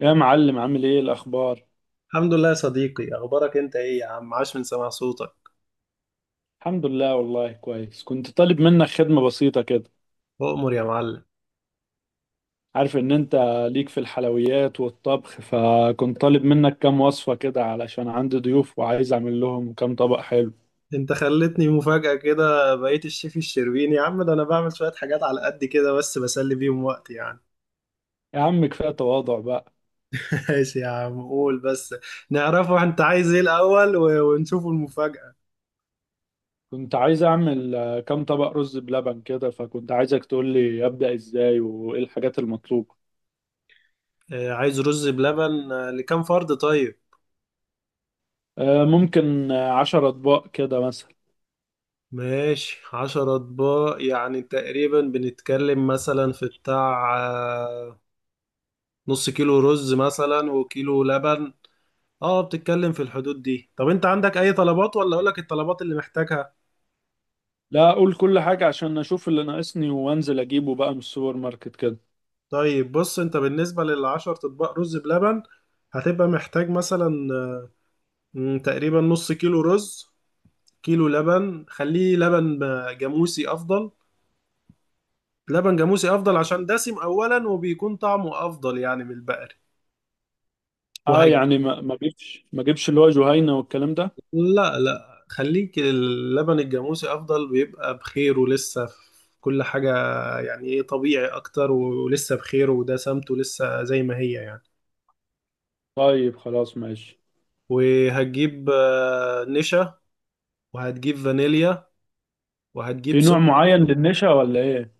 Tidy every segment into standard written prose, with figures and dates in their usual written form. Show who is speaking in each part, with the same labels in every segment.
Speaker 1: يا معلم عامل ايه الاخبار؟
Speaker 2: الحمد لله يا صديقي، اخبارك انت ايه يا عم؟ عاش من سمع صوتك.
Speaker 1: الحمد لله والله كويس. كنت طالب منك خدمة بسيطة كده.
Speaker 2: اؤمر يا معلم.
Speaker 1: عارف ان انت ليك في الحلويات والطبخ، فكنت طالب منك كام وصفة كده علشان عندي ضيوف وعايز اعمل لهم كام طبق حلو.
Speaker 2: انت خلتني مفاجأة كده، بقيت الشيف الشربيني يا عم. ده انا بعمل شوية حاجات على قد كده بس بسلي بيهم وقت يعني.
Speaker 1: يا عم كفاية تواضع بقى.
Speaker 2: ماشي يا عم، قول بس. نعرفه انت عايز ايه الاول و- ونشوفه المفاجأة.
Speaker 1: كنت عايز اعمل كام طبق رز بلبن كده، فكنت عايزك تقول لي ابدأ ازاي وايه الحاجات المطلوبة.
Speaker 2: عايز رز بلبن لكام فرد؟ طيب.
Speaker 1: ممكن 10 اطباق كده مثلا.
Speaker 2: ماشي 10 اطباق، يعني تقريبا بنتكلم مثلا في بتاع ½ كيلو رز مثلا وكيلو لبن. اه، بتتكلم في الحدود دي. طب انت عندك اي طلبات ولا اقولك الطلبات اللي محتاجها؟
Speaker 1: لا، اقول كل حاجة عشان اشوف اللي ناقصني وانزل اجيبه بقى من السوبر ماركت كده.
Speaker 2: طيب بص، انت بالنسبة للعشر اطباق رز بلبن هتبقى محتاج مثلا، تقريبا ½ كيلو رز، كيلو لبن. خليه لبن جاموسي افضل. لبن جاموسي افضل عشان دسم اولا، وبيكون طعمه افضل يعني من البقري.
Speaker 1: اه
Speaker 2: وهي.
Speaker 1: يعني ما جبش اللي هو جهينة والكلام ده.
Speaker 2: لا، لا، خليك اللبن الجاموسي افضل، بيبقى بخير ولسه في كل حاجة. يعني ايه، طبيعي اكتر ولسه بخير، وده سمته لسه زي ما هي يعني.
Speaker 1: طيب خلاص ماشي.
Speaker 2: وهتجيب نشا. وهتجيب فانيليا.
Speaker 1: في
Speaker 2: وهتجيب
Speaker 1: نوع
Speaker 2: سكر.
Speaker 1: معين للنشا ولا ايه؟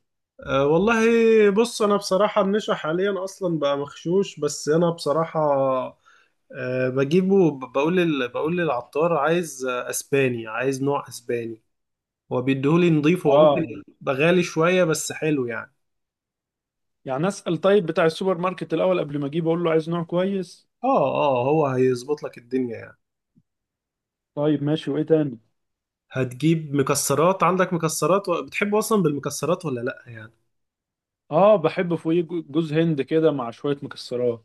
Speaker 2: أه والله. بص انا بصراحة، النشا حاليا اصلا بقى مغشوش، بس انا بصراحة أه، بجيبه بقول للعطار، عايز اسباني، عايز نوع اسباني. هو بيديهولي نضيف، هو ممكن
Speaker 1: اه
Speaker 2: يبقى غالي شوية، بس حلو يعني.
Speaker 1: يعني اسأل طيب بتاع السوبر ماركت الاول قبل ما اجيب، اقول له عايز نوع كويس.
Speaker 2: اه، هو هيظبط لك الدنيا يعني.
Speaker 1: طيب ماشي، وايه تاني؟
Speaker 2: هتجيب مكسرات. عندك مكسرات بتحب اصلا بالمكسرات ولا لا يعني؟
Speaker 1: اه بحب فوقيه جوز هند كده مع شوية مكسرات.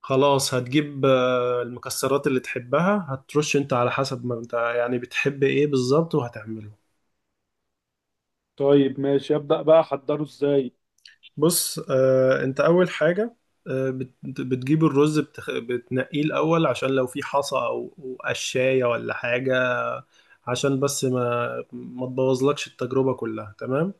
Speaker 2: خلاص، هتجيب المكسرات اللي تحبها، هترش انت على حسب ما انت يعني بتحب ايه بالظبط، وهتعمله.
Speaker 1: طيب ماشي، ابدأ بقى احضره ازاي؟
Speaker 2: بص، انت اول حاجة، بتجيب الرز، بتنقيه الاول عشان لو في حصى او أو قشاية ولا حاجة، عشان بس ما تبوظلكش التجربة كلها، تمام.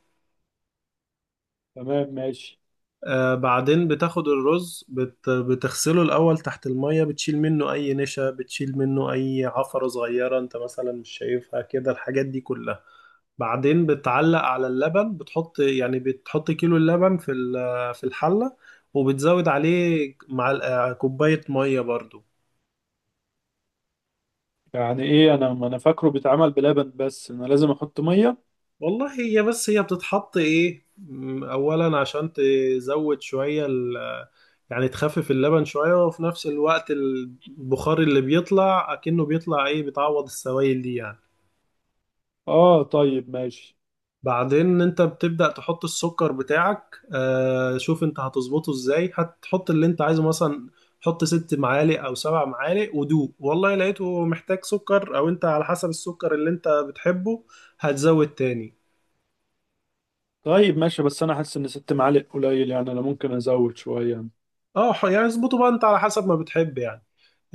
Speaker 1: تمام ماشي.
Speaker 2: بعدين بتاخد الرز، بتغسله الأول تحت المية، بتشيل منه أي نشا، بتشيل منه أي عفرة صغيرة أنت مثلا مش شايفها كده، الحاجات دي كلها. بعدين بتعلق على اللبن، بتحط كيلو اللبن في الحلة، وبتزود عليه مع كوباية مية برضو.
Speaker 1: يعني ايه انا، ما انا فاكره بيتعمل بلبن، بس انا لازم احط مية؟
Speaker 2: والله، هي بس هي بتتحط ايه، اولا عشان تزود شوية ال، يعني تخفف اللبن شوية، وفي نفس الوقت البخار اللي بيطلع اكنه بيطلع ايه بتعوض السوائل دي يعني.
Speaker 1: اه طيب ماشي.
Speaker 2: بعدين انت بتبدأ تحط السكر بتاعك. شوف انت هتظبطه ازاي، هتحط اللي انت عايزه مثلا، حط 6 معالق او 7 معالق ودوق، والله لقيته محتاج سكر، او انت على حسب السكر اللي انت بتحبه هتزود تاني.
Speaker 1: طيب ماشي، بس انا حاسس ان 6 معالق قليل، يعني انا ممكن ازود شوية.
Speaker 2: اه، يعني اظبطه بقى انت على حسب ما بتحب يعني.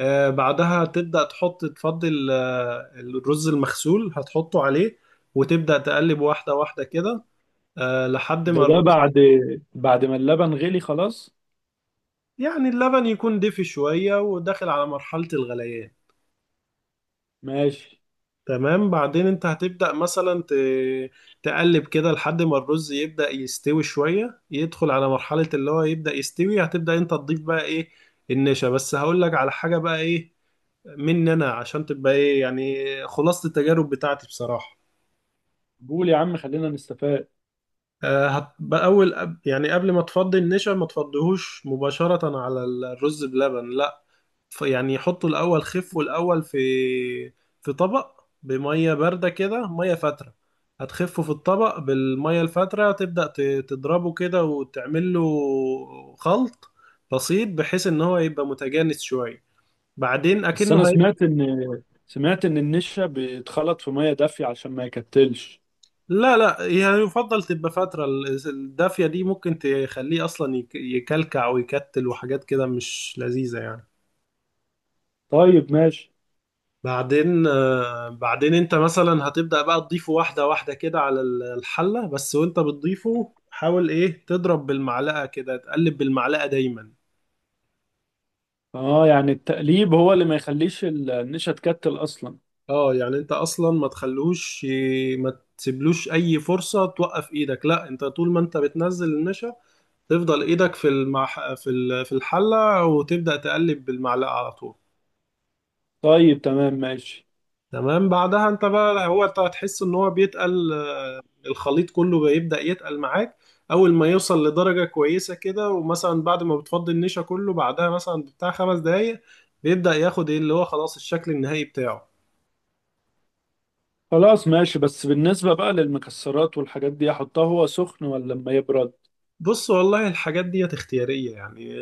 Speaker 2: بعدها تبدأ تحط تفضل الرز المغسول هتحطه عليه، وتبدأ تقلب واحدة واحدة كده، لحد
Speaker 1: ده
Speaker 2: ما
Speaker 1: ده
Speaker 2: الرز
Speaker 1: بعد بعد ما اللبن غلي خلاص؟
Speaker 2: يعني اللبن يكون دافي شوية وداخل على مرحلة الغليان.
Speaker 1: ماشي.
Speaker 2: تمام، بعدين انت هتبدأ مثلا تقلب كده لحد ما الرز يبدأ يستوي شوية، يدخل على مرحلة اللي هو يبدأ يستوي، هتبدأ انت تضيف بقى ايه؟ النشا. بس هقول لك على حاجة بقى ايه مني انا، عشان تبقى ايه يعني، خلاصة التجارب بتاعتي بصراحة.
Speaker 1: قول يا عم خلينا نستفاد.
Speaker 2: اول يعني قبل ما تفضي النشا، ما تفضيهوش مباشرة على الرز بلبن، لا. يعني حطه الاول، خفه الاول في في طبق بمية باردة كده، مية فاترة. هتخفه في الطبق بالمية الفاترة، تبدأ تضربه كده وتعمل له خلط بسيط، بحيث ان هو يبقى متجانس شوية. بعدين
Speaker 1: بس
Speaker 2: اكنه.
Speaker 1: انا سمعت ان النشا بيتخلط في ميه دافيه عشان ما يكتلش.
Speaker 2: لا، لا، يعني يفضل تبقى فترة الدافية دي ممكن تخليه أصلا يكلكع ويكتل وحاجات كده مش لذيذة يعني.
Speaker 1: طيب ماشي.
Speaker 2: بعدين انت مثلا هتبدأ بقى تضيفه واحدة واحدة كده على الحلة بس، وانت بتضيفه حاول ايه تضرب بالمعلقة كده، تقلب بالمعلقة دايما.
Speaker 1: اه يعني التقليب هو اللي ما يخليش النشا تكتل اصلا.
Speaker 2: اه، يعني انت اصلا ما تخلوش ي- ما تسيبلوش اي فرصة توقف ايدك. لا، انت طول ما انت بتنزل النشا تفضل ايدك في المح... في ال- في الحله، وتبدا تقلب بالمعلقه على طول.
Speaker 1: طيب تمام ماشي.
Speaker 2: تمام، بعدها انت بقى هو انت هتحس ان هو بيتقل، الخليط كله بيبدا يتقل معاك. اول ما يوصل لدرجه كويسه كده، ومثلا بعد ما بتفضي النشا كله، بعدها مثلا بتاع 5 دقايق بيبدا ياخد ايه، اللي هو خلاص الشكل النهائي بتاعه.
Speaker 1: خلاص ماشي، بس بالنسبة بقى للمكسرات والحاجات دي احطها هو سخن ولا لما يبرد؟
Speaker 2: بص، والله الحاجات ديت اختيارية يعني،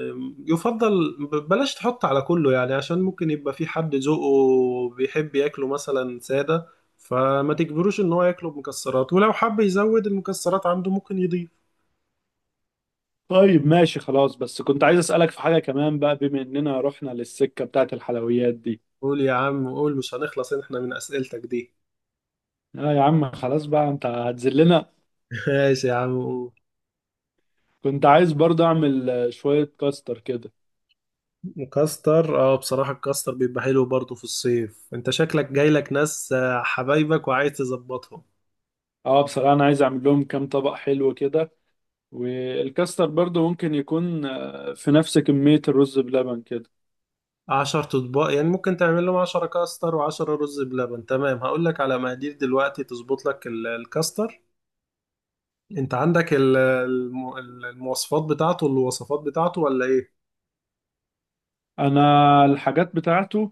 Speaker 2: يفضل بلاش تحط على كله، يعني عشان ممكن يبقى في حد ذوقه بيحب ياكله مثلا سادة، فما تجبروش ان هو ياكله بمكسرات، ولو حب يزود المكسرات عنده ممكن يضيف.
Speaker 1: طيب ماشي خلاص. بس كنت عايز اسألك في حاجة كمان بقى، بما اننا رحنا للسكة بتاعت الحلويات دي.
Speaker 2: قول يا عم قول، مش هنخلص احنا من اسئلتك دي؟
Speaker 1: اه يا عم خلاص بقى، انت هتذلنا.
Speaker 2: ماشي يا عم قول.
Speaker 1: كنت عايز برضه اعمل شوية كاستر كده.
Speaker 2: مكستر، اه، بصراحة الكاستر بيبقى حلو برضه في الصيف، انت شكلك جايلك ناس حبايبك وعايز تظبطهم.
Speaker 1: اه بصراحة انا عايز اعمل لهم كام طبق حلو كده، والكاستر برضه ممكن يكون في نفس كمية الرز بلبن كده.
Speaker 2: 10 اطباق، يعني ممكن تعمل لهم 10 كاستر وعشرة رز بلبن. تمام، هقول لك على مقادير دلوقتي تظبط لك الكاستر. انت عندك المواصفات بتاعته الوصفات بتاعته ولا ايه؟
Speaker 1: انا الحاجات بتاعته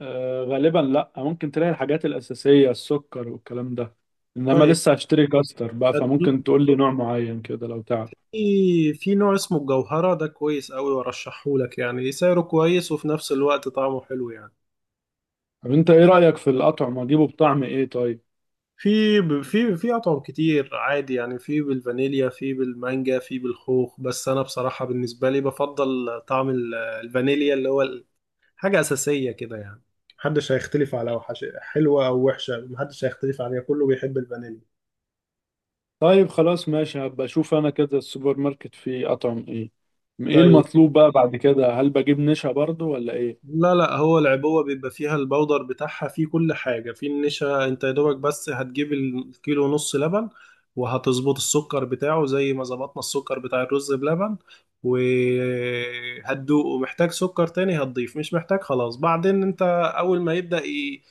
Speaker 1: غالبا لا، ممكن تلاقي الحاجات الأساسية السكر والكلام ده، انما
Speaker 2: طيب.
Speaker 1: لسه هشتري كاستر بقى، فممكن
Speaker 2: هتجيب-
Speaker 1: تقول لي نوع معين كده لو تعرف.
Speaker 2: في في نوع اسمه الجوهرة، ده كويس قوي وارشحه لك، يعني سعره كويس وفي نفس الوقت طعمه حلو يعني.
Speaker 1: طب انت ايه رأيك في الأطعمة، اجيبه بطعم ايه طيب؟
Speaker 2: في ب- في في اطعم كتير عادي يعني، في بالفانيليا، في بالمانجا، في بالخوخ، بس انا بصراحة بالنسبة لي بفضل طعم الفانيليا، اللي هو حاجة أساسية كده يعني. محدش هيختلف على وحش، حلوة أو وحشة محدش هيختلف عليها، كله بيحب الفانيليا.
Speaker 1: طيب خلاص ماشي، هبقى اشوف انا كده السوبر ماركت فيه اطعم ايه. ايه
Speaker 2: طيب.
Speaker 1: المطلوب بقى بعد كده، هل بجيب نشا برضو ولا ايه؟
Speaker 2: لا، لا، هو العبوة بيبقى فيها البودر بتاعها، فيه كل حاجة، فيه النشا، انت يا دوبك بس هتجيب الكيلو ونص لبن، وهتظبط السكر بتاعه زي ما ظبطنا السكر بتاع الرز بلبن، وهتدوقه، محتاج سكر تاني هتضيف، مش محتاج خلاص. بعدين انت أول ما يبدأ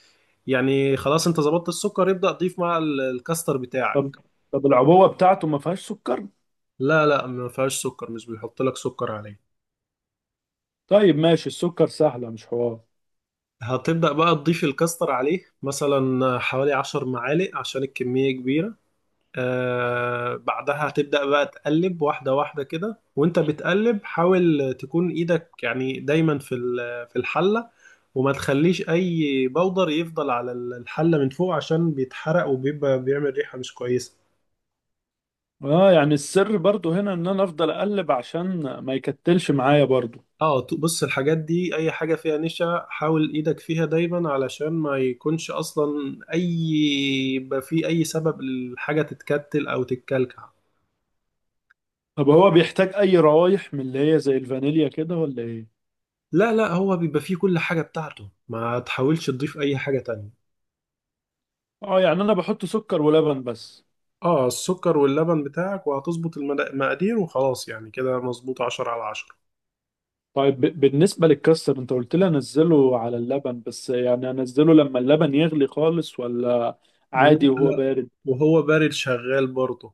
Speaker 2: يعني خلاص، انت ظبطت السكر، يبدأ تضيف مع الكاستر
Speaker 1: طب
Speaker 2: بتاعك.
Speaker 1: طب العبوة بتاعته ما فيهاش سكر؟
Speaker 2: لا، لا، ما فيهاش سكر، مش بيحط لك سكر عليه.
Speaker 1: طيب ماشي، السكر سهلة مش حوار.
Speaker 2: هتبدأ بقى تضيف الكاستر عليه مثلا حوالي 10 معالق عشان الكمية كبيرة. بعدها هتبدأ بقى تقلب واحدة واحدة كده، وانت بتقلب حاول تكون ايدك يعني دايما في الحلة، وما تخليش اي بودر يفضل على الحلة من فوق، عشان بيتحرق وبيبقى بيعمل ريحة مش كويسة.
Speaker 1: اه يعني السر برضو هنا ان انا افضل اقلب عشان ما يكتلش معايا برضو.
Speaker 2: اه، بص، الحاجات دي اي حاجة فيها نشا حاول ايدك فيها دايما، علشان ما يكونش اصلا اي، يبقى في اي سبب الحاجة تتكتل او تتكلكع.
Speaker 1: طب هو بيحتاج اي روايح من اللي هي زي الفانيليا كده ولا ايه؟
Speaker 2: لا، لا، هو بيبقى فيه كل حاجة بتاعته، ما تحاولش تضيف اي حاجة تانية.
Speaker 1: اه يعني انا بحط سكر ولبن بس؟
Speaker 2: اه، السكر واللبن بتاعك، وهتظبط المقادير وخلاص، يعني كده مظبوط 10/10.
Speaker 1: طيب، بالنسبة للكاستر، انت قلت لي انزله على اللبن بس، يعني انزله لما اللبن يغلي خالص ولا عادي
Speaker 2: لا،
Speaker 1: وهو
Speaker 2: لا،
Speaker 1: بارد؟
Speaker 2: وهو بارد شغال برضه.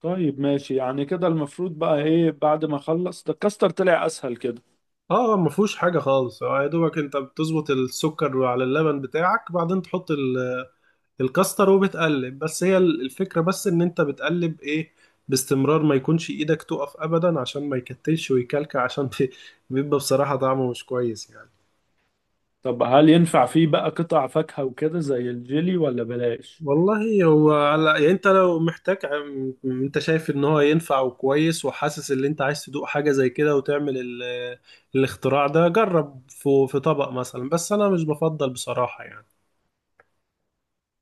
Speaker 1: طيب ماشي، يعني كده المفروض بقى ايه بعد ما اخلص؟ ده الكاستر طلع اسهل كده.
Speaker 2: اه، ما فيهوش حاجة خالص. يا دوبك انت بتظبط السكر على اللبن بتاعك، بعدين تحط الكاستر وبتقلب، بس هي الفكرة بس ان انت بتقلب ايه باستمرار، ما يكونش ايدك تقف ابدا عشان ما يكتلش ويكلكع عشان بيبقى بصراحة طعمه مش كويس يعني.
Speaker 1: طب هل ينفع فيه بقى قطع فاكهة وكده زي الجيلي، ولا بلاش؟
Speaker 2: والله هو على يعني، انت لو محتاج انت شايف ان هو ينفع وكويس وحاسس ان انت عايز تدوق حاجة زي كده، وتعمل الاختراع ده، جرب في طبق مثلا، بس انا مش بفضل بصراحة يعني.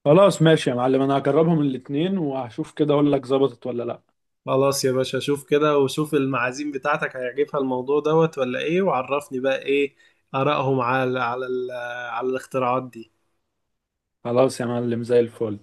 Speaker 1: خلاص ماشي يا معلم، انا هجربهم الاتنين وهشوف كده اقول لك ظبطت ولا لا.
Speaker 2: خلاص يا باشا، شوف كده وشوف المعازيم بتاعتك هيعجبها الموضوع دوت ولا ايه، وعرفني بقى ايه آرائهم على الاختراعات دي.
Speaker 1: خلاص يا معلم، زي الفل.